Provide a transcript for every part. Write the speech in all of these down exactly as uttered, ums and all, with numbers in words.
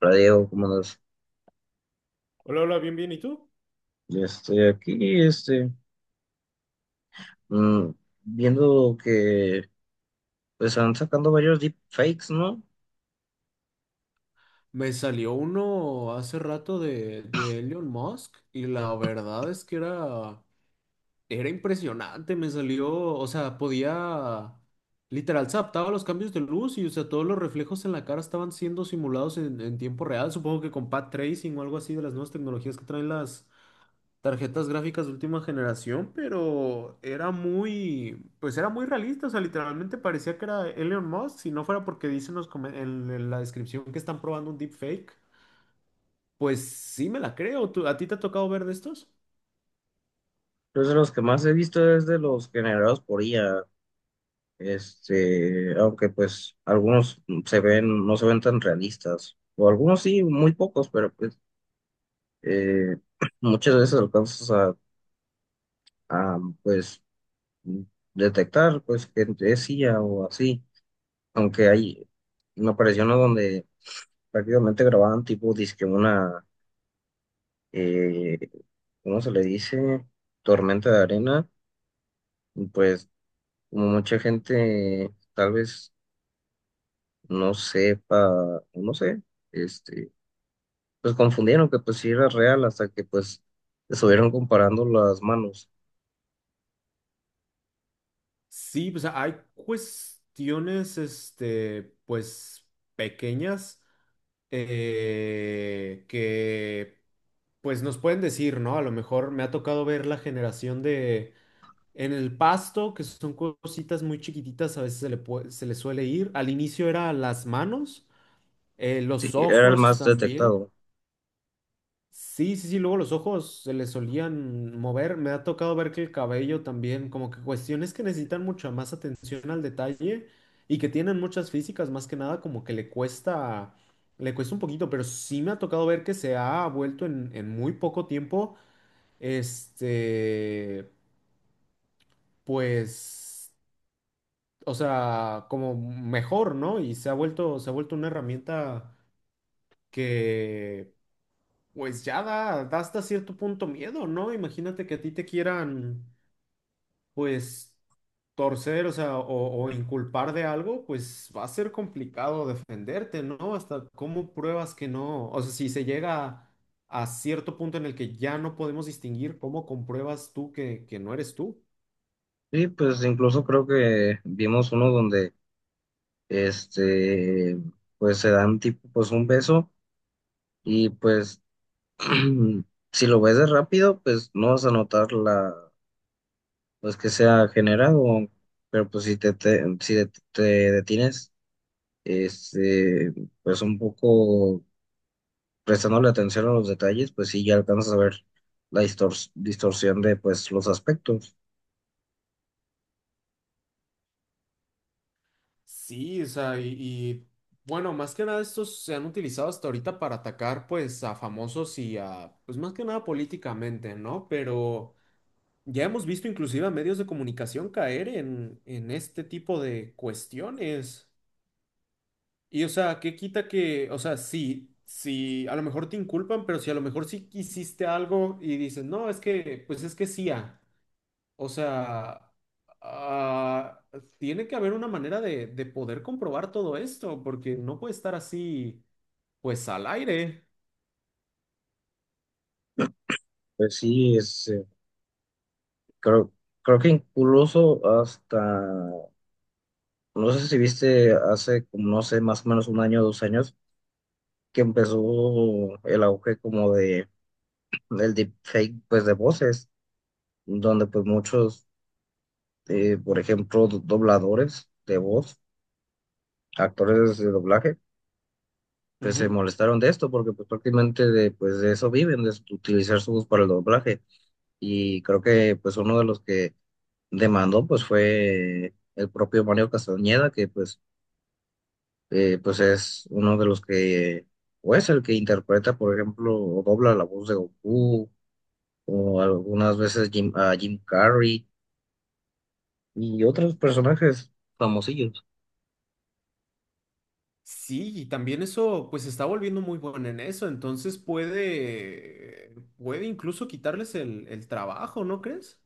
Hola Diego, ¿cómo andas? Hola, hola, bien, bien, ¿y tú? Ya estoy aquí, este, mm, viendo que pues están sacando varios deepfakes, ¿no? Me salió uno hace rato de, de Elon Musk y la verdad es que era, era impresionante. Me salió, o sea, podía, literal, se adaptaba a los cambios de luz y, o sea, todos los reflejos en la cara estaban siendo simulados en, en tiempo real. Supongo que con path tracing o algo así de las nuevas tecnologías que traen las, tarjetas gráficas de última generación, pero era muy, pues era muy realista, o sea, literalmente parecía que era Elon Musk, si no fuera porque dicen los come- en, en la descripción que están probando un deepfake, pues sí me la creo. ¿Tú- a ti te ha tocado ver de estos? Pues de los que más he visto es de los generados por I A, este, aunque pues algunos se ven, no se ven tan realistas, o algunos sí, muy pocos, pero pues eh, muchas veces alcanzas a, a, pues detectar pues que es I A o así, aunque hay, me apareció uno donde prácticamente grababan tipo disque una eh, ¿Cómo se le dice? Tormenta de arena, pues como mucha gente tal vez no sepa, o no sé, este, pues confundieron que pues sí era real hasta que pues estuvieron comparando las manos. Sí, pues hay cuestiones, este, pues pequeñas eh, que, pues nos pueden decir, ¿no? A lo mejor me ha tocado ver la generación de en el pasto, que son cositas muy chiquititas, a veces se le puede- se le suele ir. Al inicio era las manos, eh, Sí, los era el ojos más también. detectado. Sí, sí, sí, luego los ojos se le solían mover. Me ha tocado ver que el cabello también, como que cuestiones que necesitan mucha más atención al detalle y que tienen muchas físicas, más que nada, como que le cuesta, le cuesta un poquito, pero sí me ha tocado ver que se ha vuelto en en muy poco tiempo, este, pues, o sea, como mejor, ¿no? Y se ha vuelto, se ha vuelto una herramienta que, pues ya da, da hasta cierto punto miedo, ¿no? Imagínate que a ti te quieran, pues, torcer, o sea, o, o inculpar de algo, pues va a ser complicado defenderte, ¿no? Hasta cómo pruebas que no, o sea, si se llega a, cierto punto en el que ya no podemos distinguir, ¿cómo compruebas tú que, que no eres tú? Sí, pues incluso creo que vimos uno donde este, pues se dan tipo pues un beso y pues si lo ves de rápido, pues no vas a notar la pues que sea generado, pero pues si te, te- si de- te detienes, este, pues un poco prestándole atención a los detalles, pues sí ya alcanzas a ver la distors- distorsión de pues los aspectos. Sí, o sea, y, y, bueno, más que nada estos se han utilizado hasta ahorita para atacar pues a famosos y a, pues más que nada políticamente, ¿no? Pero ya hemos visto inclusive a medios de comunicación caer en, en este tipo de cuestiones. Y o sea, ¿qué quita que, o sea, sí, sí, a lo mejor te inculpan, pero si a lo mejor sí hiciste algo y dices, no, es que, pues es que sí, o sea, ah, tiene que haber una manera de, de poder comprobar todo esto, porque no puede estar así, pues al aire. Pues sí, es, eh, creo, creo que incluso hasta, no sé si viste hace, como, no sé, más o menos un año o dos años, que empezó el auge como de, del deepfake, pues de voces, donde pues muchos eh, por ejemplo, do- dobladores de voz, actores de doblaje, pues se Ujú. molestaron de esto porque pues prácticamente de, pues, de eso viven, de su- utilizar su voz para el doblaje. Y creo que pues uno de los que demandó pues fue el propio Mario Castañeda, que pues, eh, pues es uno de los que, o es el que interpreta, por ejemplo, o dobla la voz de Goku, o algunas veces Jim, a Jim Carrey y otros personajes famosillos. Sí, y también eso, pues se está volviendo muy bueno en eso, entonces puede, puede incluso quitarles el, el trabajo, ¿no crees?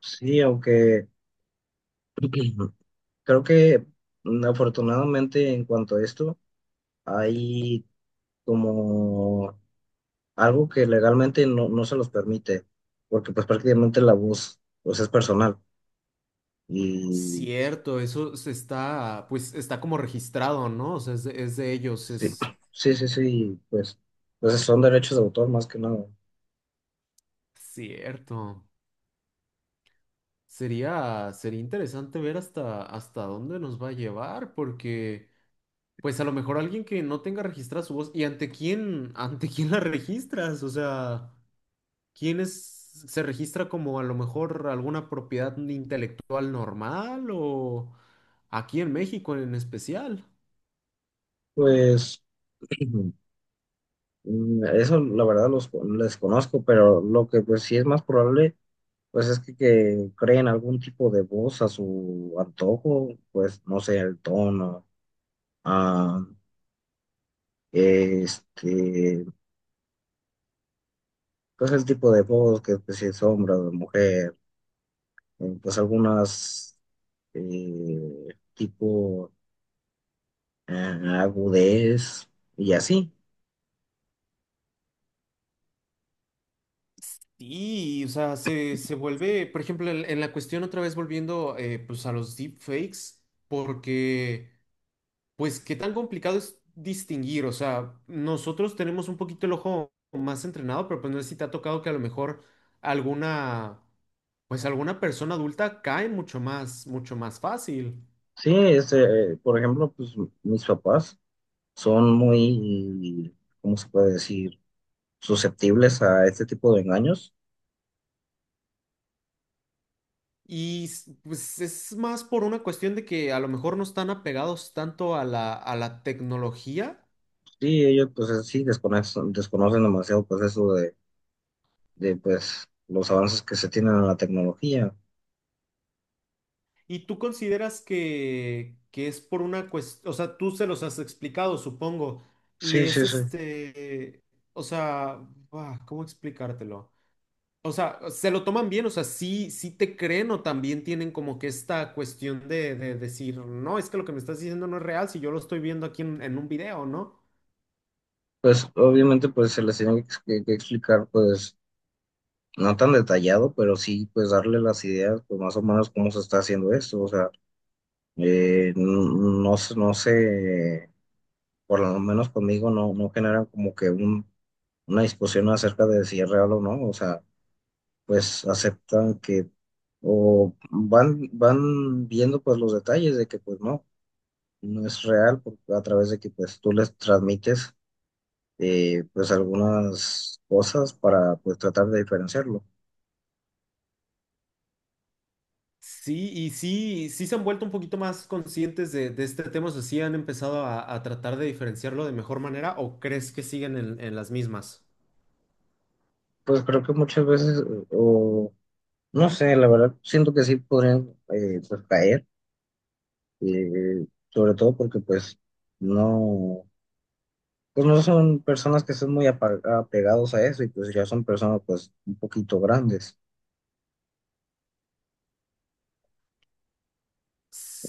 Sí, aunque... Creo que mm, afortunadamente en cuanto a esto, hay como algo que legalmente no, no se los permite, porque pues prácticamente la voz pues es personal. Y Cierto, eso se está, pues está como registrado, ¿no? O sea, es de, es de ellos, sí, es sí, sí, sí, pues, pues son derechos de autor más que nada. cierto. Sería, sería interesante ver hasta, hasta dónde nos va a llevar, porque pues a lo mejor alguien que no tenga registrada su voz, ¿y ante quién, ante quién la registras? O sea, ¿quién es, se registra como a lo mejor alguna propiedad intelectual normal o aquí en México en especial? Pues mm, eso la verdad los, les conozco, pero lo que pues sí es más probable, pues es que, que creen algún tipo de voz a su antojo, pues no sé, el tono. ah, Este, pues el tipo de voz que pues, si es hombre o mujer, eh, pues algunas eh, tipo eh, agudez y así. Y, o sea, se, se vuelve, por ejemplo, en, en la cuestión otra vez volviendo eh, pues a los deepfakes, porque... Pues qué tan complicado es distinguir, o sea, nosotros tenemos un poquito el ojo más entrenado, pero pues no sé si te ha tocado que a lo mejor alguna, pues alguna persona adulta cae mucho más, mucho más fácil. Sí, este, eh, por ejemplo, pues mis papás son muy, ¿cómo se puede decir? Susceptibles a este tipo de engaños. Y s- pues es más por una cuestión de que a lo mejor no están apegados tanto a la, a la tecnología. Sí, ellos pues eh, sí desconocen, desconocen demasiado pues eso de, de pues los avances que se tienen en la tecnología. ¿Y tú consideras que, que es por una cuestión, o sea, tú se los has explicado, supongo, y Sí, es sí, sí. este, o sea, ah, ¿cómo explicártelo? O sea, se lo toman bien, o sea, sí, sí te creen o también tienen como que esta cuestión de, de decir, no, es que lo que me estás diciendo no es real si yo lo estoy viendo aquí en, en un video, ¿no? Pues obviamente pues se les tiene que, que- explicar pues no tan detallado, pero sí pues darle las ideas pues más o menos cómo se está haciendo esto, o sea, eh, n- no, se- no sé, por lo menos conmigo no, no generan como que un, una discusión acerca de si es real o no, o sea, pues aceptan que o van, van viendo pues los detalles de que pues no, no es real por- a través de que pues tú les transmites. Eh, pues algunas cosas para pues tratar de diferenciarlo. Sí, y sí, sí se han vuelto un poquito más conscientes de, de este tema, o sea, sí han empezado a, a tratar de diferenciarlo de mejor manera o crees que siguen en, en las mismas. Pues creo que muchas veces, o no sé, la verdad, siento que sí podrían eh, pues caer, eh, sobre todo porque pues no, pues no son personas que estén muy apa- apegados a eso y pues ya son personas pues un poquito grandes.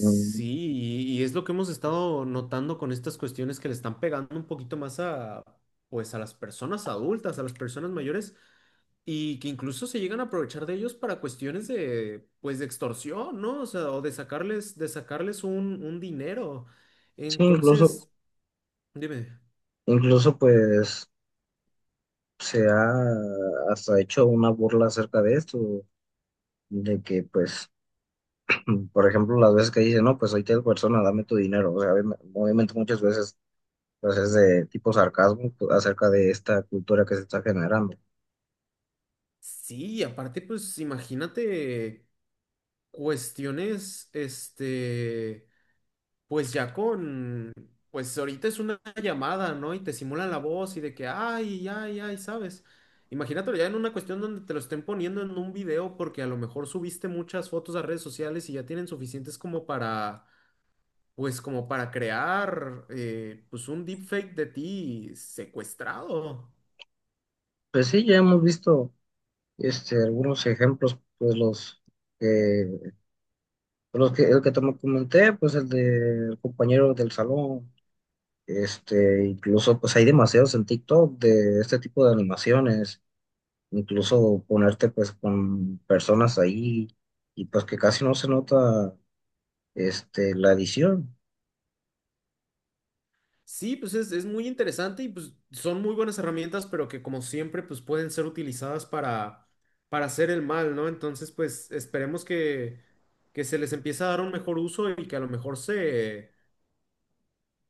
Mm, y, y es lo que hemos estado notando con estas cuestiones que le están pegando un poquito más a, pues, a las personas adultas, a las personas mayores. Y que incluso se llegan a aprovechar de ellos para cuestiones de, pues, de extorsión, ¿no? O sea, o de sacarles, de sacarles un, un dinero. sí, incluso, Entonces, dime, incluso pues se ha hasta hecho una burla acerca de esto, de que pues mm, por ejemplo, las veces que dice, no, pues soy tal persona, dame tu dinero. O sea, obvi- obviamente muchas veces pues es de tipo sarcasmo pues, acerca de esta cultura que se está generando. sí, y aparte, pues, imagínate cuestiones, este, pues ya con, pues ahorita es una llamada, ¿no? Y te simulan la voz y de que, ay, ay, ay, ¿sabes? Imagínatelo ya en una cuestión donde te lo estén poniendo en un video porque a lo mejor subiste muchas fotos a redes sociales y ya tienen suficientes como para, pues como para crear eh, pues un deepfake de ti secuestrado. Pues sí, ya hemos visto este, algunos ejemplos, pues los que, los que, el que te comenté, pues el del compañero del salón, este, incluso pues hay demasiados en TikTok de este tipo de animaciones, incluso ponerte pues con personas ahí y pues que casi no se nota este, la edición. Sí, pues es, es muy interesante y pues son muy buenas herramientas, pero que como siempre pues pueden ser utilizadas para, para hacer el mal, ¿no? Entonces pues esperemos que, que se les empiece a dar un mejor uso y que a lo mejor se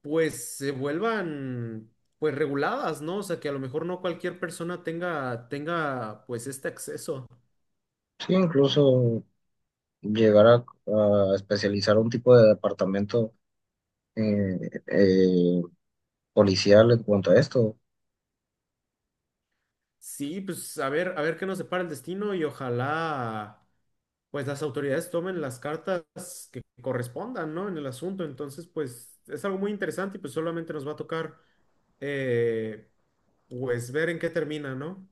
pues se vuelvan pues reguladas, ¿no? O sea, que a lo mejor no cualquier persona tenga, tenga pues este acceso. Sí, incluso llegar a, a especializar un tipo de departamento eh, eh, policial en cuanto a esto. Sí, pues a ver, a ver qué nos depara el destino y ojalá pues las autoridades tomen las cartas que correspondan, ¿no? En el asunto. Entonces, pues es algo muy interesante y pues solamente nos va a tocar eh, pues ver en qué termina, ¿no?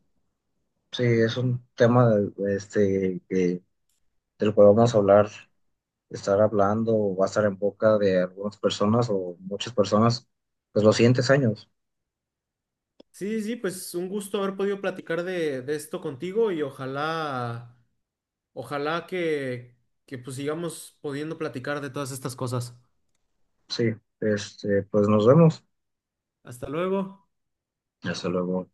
Sí, es un tema de- este, que, del cual vamos a hablar, estar hablando, o va a estar en boca de algunas personas o muchas personas, pues los siguientes años. Sí, sí, sí, pues un gusto haber podido platicar de, de esto contigo y ojalá, ojalá que, que pues sigamos pudiendo platicar de todas estas cosas. Sí, este, pues nos vemos. Hasta luego. Hasta luego.